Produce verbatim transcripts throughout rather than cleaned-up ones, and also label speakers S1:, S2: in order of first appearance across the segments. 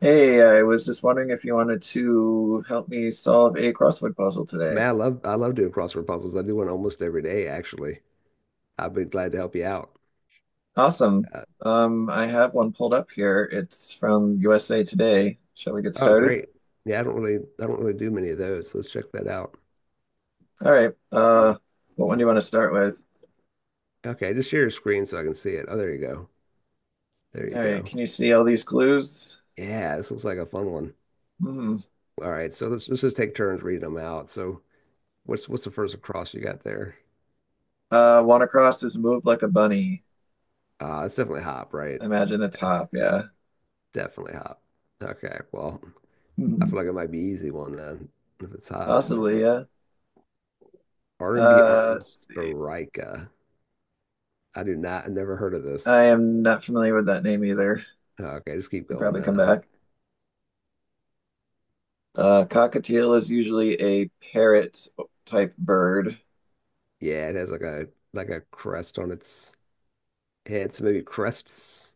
S1: Hey, I was just wondering if you wanted to help me solve a crossword puzzle
S2: Man,
S1: today.
S2: I love I love doing crossword puzzles. I do one almost every day, actually. I'd be glad to help you out.
S1: Awesome.
S2: Uh,
S1: Um, I have one pulled up here. It's from U S A Today. Shall we get
S2: oh,
S1: started?
S2: great. Yeah, I don't really I don't really do many of those. So let's check that out.
S1: All right. Uh, what one do you want to start with?
S2: Okay, just share your screen so I can see it. Oh, there you go. There you
S1: All right.
S2: go.
S1: Can you see all these clues?
S2: Yeah, this looks like a fun one.
S1: Hmm.
S2: All right, so let's let's just take turns reading them out. So what's what's the first across you got there?
S1: Uh, Wanacross is moved like a bunny.
S2: Uh, it's definitely hop, right?
S1: Imagine a top. Yeah.
S2: Definitely hop. Okay, well, I
S1: Hmm.
S2: feel like it might be easy one then if it's hop, but
S1: Possibly. Yeah.
S2: R and B
S1: Uh, let's
S2: artist
S1: see.
S2: Erykah. I do not, I never heard of
S1: I
S2: this.
S1: am not familiar with that name either.
S2: Oh, okay, just keep
S1: Could
S2: going
S1: probably
S2: then. I
S1: come
S2: don't.
S1: back. Uh, cockatiel is usually a parrot type bird.
S2: Yeah, it has like a like a crest on its head, so maybe crests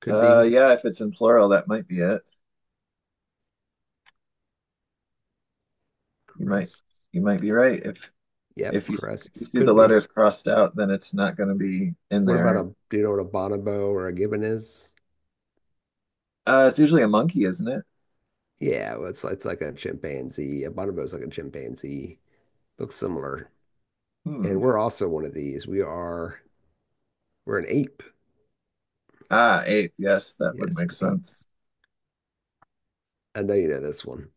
S2: could
S1: Uh,
S2: be
S1: yeah, if it's in plural, that might be it. You might
S2: crests.
S1: you might be right. If
S2: Yep,
S1: if you s- if you
S2: crests
S1: see the
S2: could be.
S1: letters crossed out, then it's not going to be in
S2: What about
S1: there.
S2: a do you know what a bonobo or a gibbon is?
S1: Uh, it's usually a monkey, isn't it?
S2: Yeah, well, it's it's like a chimpanzee. A bonobo is like a chimpanzee. Looks similar, and
S1: Hmm.
S2: we're also one of these. We are we're an ape.
S1: Ah, ape. Yes, that would
S2: Yes,
S1: make
S2: an ape.
S1: sense.
S2: I know you know this one.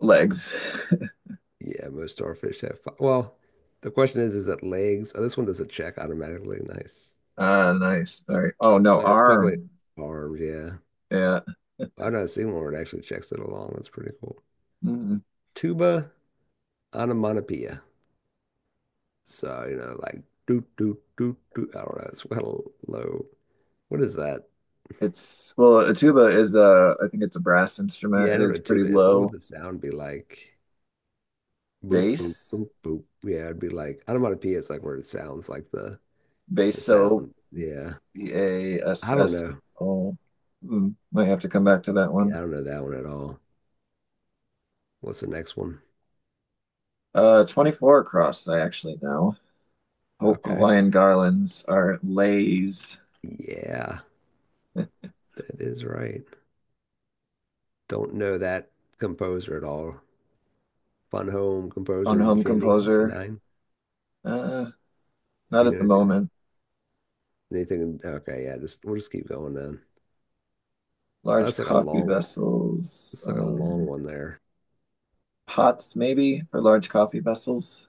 S1: Legs.
S2: Yeah, most starfish have. Fi- Well, the question is, is it legs? Oh, this one does a check automatically. Nice.
S1: Ah, nice. All right. Oh no,
S2: So it's probably
S1: arm.
S2: armed, yeah.
S1: Yeah.
S2: I know Seymour actually checks it along. That's pretty cool.
S1: Mm.
S2: Tuba onomatopoeia. So, you know, like do do do do. I don't know. It's kind of low. What is that?
S1: It's well, a tuba is a. I think it's a brass instrument.
S2: Yeah, I
S1: It
S2: know what
S1: is
S2: a
S1: pretty
S2: tuba is, but what would
S1: low
S2: the sound be like? Boop boop
S1: bass,
S2: boop boop. Yeah, it'd be like onomatopoeia is like where it sounds like the the
S1: basso
S2: sound. Yeah.
S1: B A S
S2: I don't
S1: S
S2: know.
S1: O. Hmm, might have to come back to that one.
S2: Yeah, I don't know that one at all. What's the next one?
S1: Uh, twenty-four across, I actually know. Ho-
S2: Okay.
S1: Hawaiian garlands are lays
S2: Yeah, that is right. Don't know that composer at all. Fun Home
S1: on
S2: composer
S1: home
S2: Jenny
S1: composer.
S2: Janine.
S1: Uh,
S2: Do
S1: Not
S2: you
S1: at
S2: know
S1: the
S2: anything?
S1: moment.
S2: Anything? Okay, yeah. Just we'll just keep going then. Oh,
S1: Large
S2: that's like a
S1: coffee
S2: long.
S1: vessels,
S2: It's like a long
S1: um,
S2: one there.
S1: pots maybe for large coffee vessels.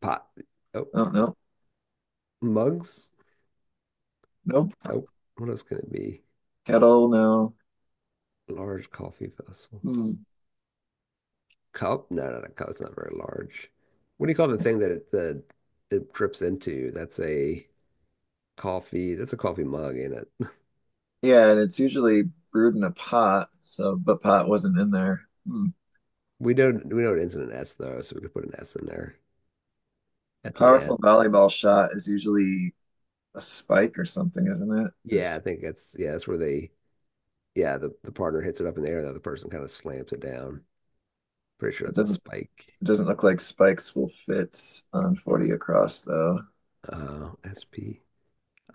S2: Pot. Oh,
S1: Oh, no,
S2: mugs.
S1: nope.
S2: Oh, what else can it be?
S1: Kettle, no.
S2: Large coffee vessels.
S1: Hmm.
S2: Cup? No, no, no. Cup. It's not very large. What do you call the thing that it the it drips into? That's a coffee. That's a coffee mug, ain't it?
S1: Yeah, and it's usually brewed in a pot, so, but pot wasn't in there. Hmm.
S2: We don't. We know it ends in an S though, so we could put an S in there
S1: A
S2: at the
S1: powerful
S2: end.
S1: volleyball shot is usually a spike or something, isn't it?
S2: Yeah,
S1: It's-
S2: I think that's yeah. That's where they yeah, the, the partner hits it up in the air. The other person kind of slams it down. Pretty sure
S1: It
S2: that's a
S1: doesn't
S2: spike.
S1: it doesn't look like spikes will fit on forty across though.
S2: Uh, S P.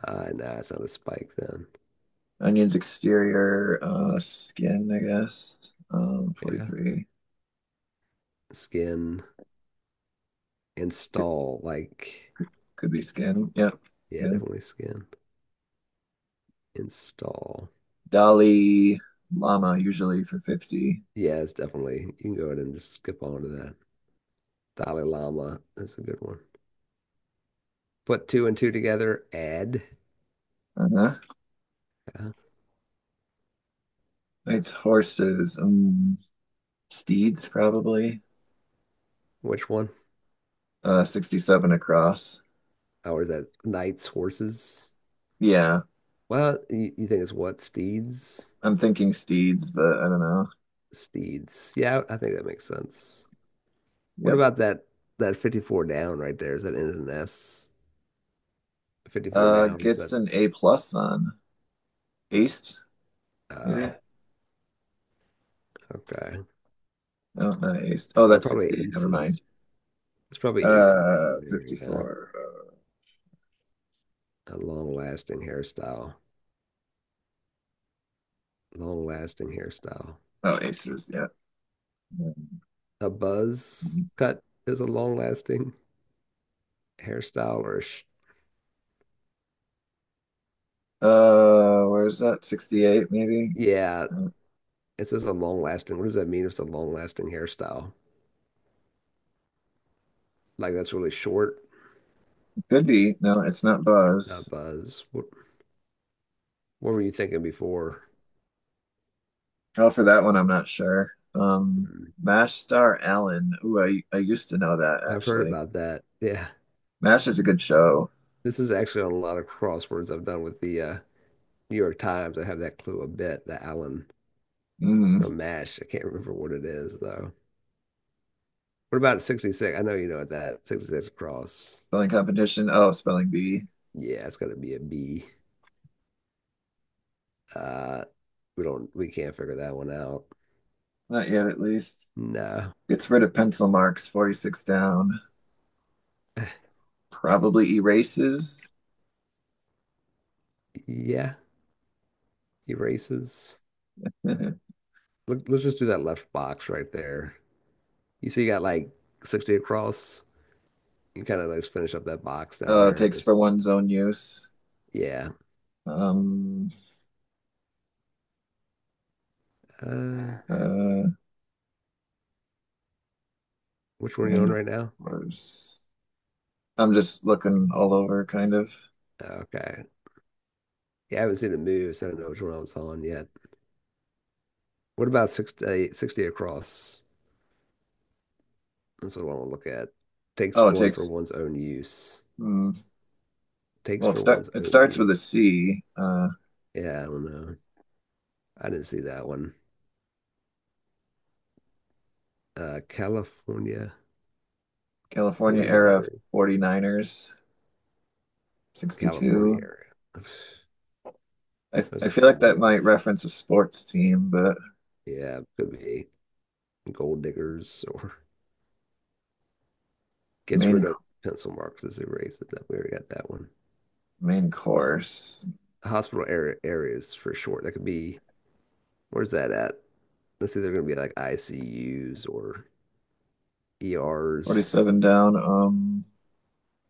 S2: Uh, nah, it's not a spike then.
S1: Onion's exterior uh skin, I guess. Um
S2: Yeah.
S1: forty-three
S2: Skin. Install. Like,
S1: could be skin. Yep,
S2: yeah,
S1: skin.
S2: definitely skin. Install.
S1: Dolly llama usually for fifty.
S2: Yeah, it's definitely. You can go ahead and just skip on to that. Dalai Lama. That's a good one. Put two and two together. Add.
S1: Uh-huh.
S2: Uh,
S1: It's horses, um steeds probably.
S2: which one?
S1: Uh sixty-seven across.
S2: Or is that knights, horses?
S1: Yeah,
S2: Well, you, you think it's what? Steeds?
S1: I'm thinking steeds, but I don't know.
S2: Steeds. Yeah, I think that makes sense. What
S1: Yep.
S2: about that that fifty-four down right there? Is that N and S? fifty-four
S1: Uh
S2: down, is
S1: gets
S2: that
S1: an A plus on. Aced,
S2: oh,
S1: maybe.
S2: okay.
S1: Oh, not ace.
S2: Ace.
S1: Oh,
S2: Oh,
S1: that's
S2: probably
S1: sixty-eight. Never
S2: aces.
S1: mind.
S2: It's probably aces over
S1: Uh,
S2: there, yeah.
S1: fifty-four. Uh,
S2: A long lasting hairstyle. Long lasting hairstyle.
S1: oh, aces. Yeah.
S2: A buzz
S1: Mhm.
S2: cut is a long lasting hairstyle or sh
S1: Uh, where's that? sixty-eight, maybe?
S2: yeah,
S1: Uh,
S2: it says a long lasting. What does that mean if it's a long lasting hairstyle? Like that's really short,
S1: could be. No, it's not
S2: not
S1: Buzz.
S2: buzz. What what were you thinking before?
S1: Oh, for that one, I'm not sure. Um,
S2: Hmm,
S1: MASH star Allen. Ooh, I, I used to know that
S2: I've heard
S1: actually.
S2: about that. Yeah.
S1: MASH is a good show.
S2: This is actually on a lot of crosswords I've done with the uh, New York Times. I have that clue a bit, the Alan
S1: Mm,
S2: from MASH. I can't remember what it is though. What about sixty-six? I know you know what that sixty-six cross.
S1: spelling competition. Oh, spelling bee.
S2: Yeah, it's gonna be a B. Uh, we don't we can't figure that one out.
S1: Not yet, at least.
S2: No.
S1: Gets rid of pencil marks, forty-six down. Probably erases.
S2: Yeah, erases. Look. Let's just do that left box right there. You see, you got like sixty across. You kind of like finish up that box down
S1: Uh,
S2: there and
S1: takes for
S2: just,
S1: one's own use.
S2: yeah.
S1: Um,
S2: Uh,
S1: uh,
S2: which one are you on
S1: Main
S2: right now?
S1: course. I'm just looking all over, kind of.
S2: Okay. Yeah, I haven't seen it move, so I don't know which one I was on yet. What about sixty-sixty across? That's what I want to look at. Takes
S1: Oh, it
S2: one for
S1: takes.
S2: one's own use.
S1: Hmm,
S2: Takes
S1: well, it,
S2: for
S1: start,
S2: one's
S1: it
S2: own
S1: starts
S2: use.
S1: with a C. Uh,
S2: Yeah, I don't know. I didn't see that one. Uh, California
S1: California era
S2: 49er.
S1: Forty niners.
S2: California
S1: sixty-two.
S2: area.
S1: I,
S2: There's
S1: I
S2: a
S1: feel like
S2: gold
S1: that might
S2: rush.
S1: reference a sports team, but
S2: Yeah, could be gold diggers or gets rid
S1: main
S2: of pencil marks as they erase it. We already got that one.
S1: main course
S2: Hospital area areas for short. That could be where's that at? Let's say they're going to be like I C Us or E Rs.
S1: forty-seven down. Um,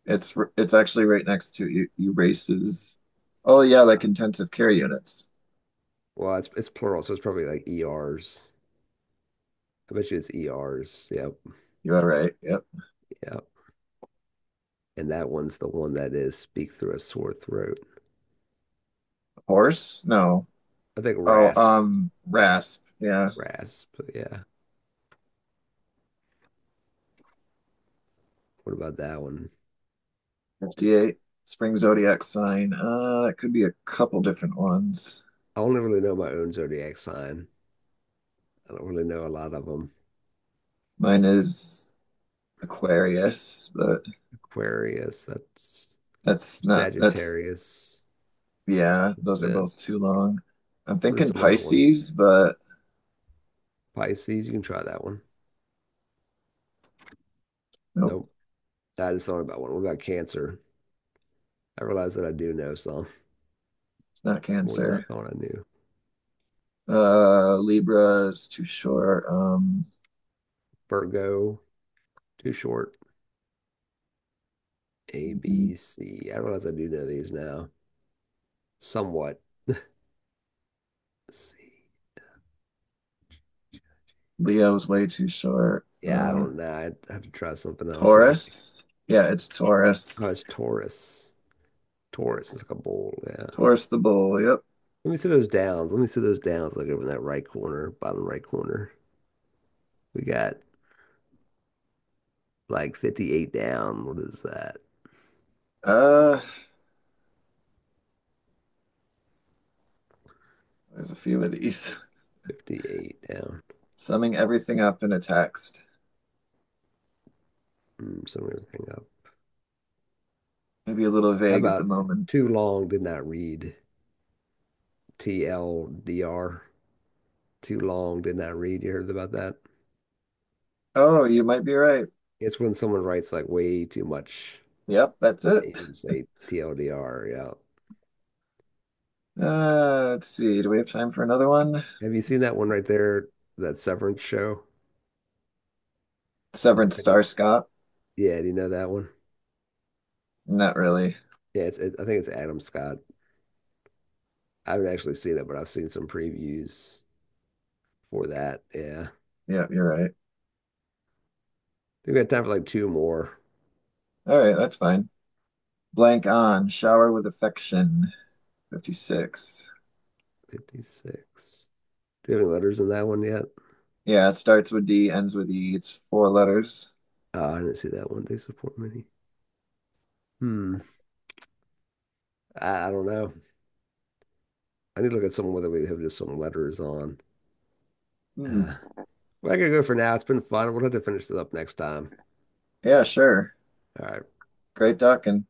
S1: it's r- it's actually right next to you. You races. Oh yeah, like
S2: Uh,
S1: intensive care units.
S2: well, it's it's plural, so it's probably like E Rs. I bet you it's E Rs. Yep,
S1: You are right. Yep.
S2: yep. And that one's the one that is speak through a sore throat.
S1: Horse? No.
S2: I think
S1: Oh,
S2: rasp,
S1: um, Rasp. Yeah.
S2: rasp. Yeah. What about that one?
S1: fifty-eight. Spring zodiac sign. Uh, it could be a couple different ones.
S2: I only really know my own zodiac sign. I don't really know a lot of them.
S1: Mine is Aquarius, but
S2: Aquarius, that's
S1: that's not, that's,
S2: Sagittarius.
S1: yeah, those are
S2: And
S1: both too long. I'm
S2: what are
S1: thinking
S2: some other ones?
S1: Pisces, but
S2: Pisces, you can try that one.
S1: nope,
S2: Nope. I just thought about one. What about Cancer? I realize that I do know some.
S1: it's not
S2: More than I
S1: Cancer.
S2: thought I knew.
S1: Uh, Libra is too short. Um,
S2: Virgo, too short. A, B, C. I realize I do know these now somewhat. C.
S1: Leo's way too short.
S2: Yeah, I
S1: Uh,
S2: don't know. I'd have to try something else. Yeah, I,
S1: Taurus. Yeah, it's
S2: oh,
S1: Taurus.
S2: it's Taurus. Taurus is like a bull. Yeah.
S1: Taurus the bull. Yep.
S2: Let me see those downs. Let me see those downs. Like over in that right corner, bottom right corner. We got like fifty-eight down. What is that?
S1: Uh, there's a few of these.
S2: fifty-eight down.
S1: Summing everything up in a text.
S2: Mm, summing everything up.
S1: Maybe a little
S2: How
S1: vague at the
S2: about
S1: moment.
S2: too long did not read T L D R? Too long did not read. You heard about that?
S1: Oh, you might be right.
S2: It's when someone writes like way too much.
S1: Yep, that's it.
S2: You just say T L D R. Yeah.
S1: Uh, let's see. Do we have time for another one?
S2: Have you seen that one right there? That Severance show? I'm
S1: Severed
S2: fifty.
S1: Star Scott?
S2: Yeah. Do you know that one?
S1: Not really.
S2: Yeah. It's, it, I think it's Adam Scott. I haven't actually seen it, but I've seen some previews for that. Yeah.
S1: Yep, you're right.
S2: We've got time for like two more.
S1: All right, that's fine. Blank on. Shower with affection. fifty-six.
S2: fifty-six. Do you have any letters in that one yet?
S1: Yeah, it starts with D, ends with E. It's four letters.
S2: Oh, I didn't see that one. They support many. Hmm. I, I don't know. I need to look at someone whether we have just some letters on.
S1: Hmm.
S2: Uh, Well, I gotta go for now. It's been fun. We'll have to finish this up next time.
S1: Yeah, sure.
S2: All right.
S1: Great talking.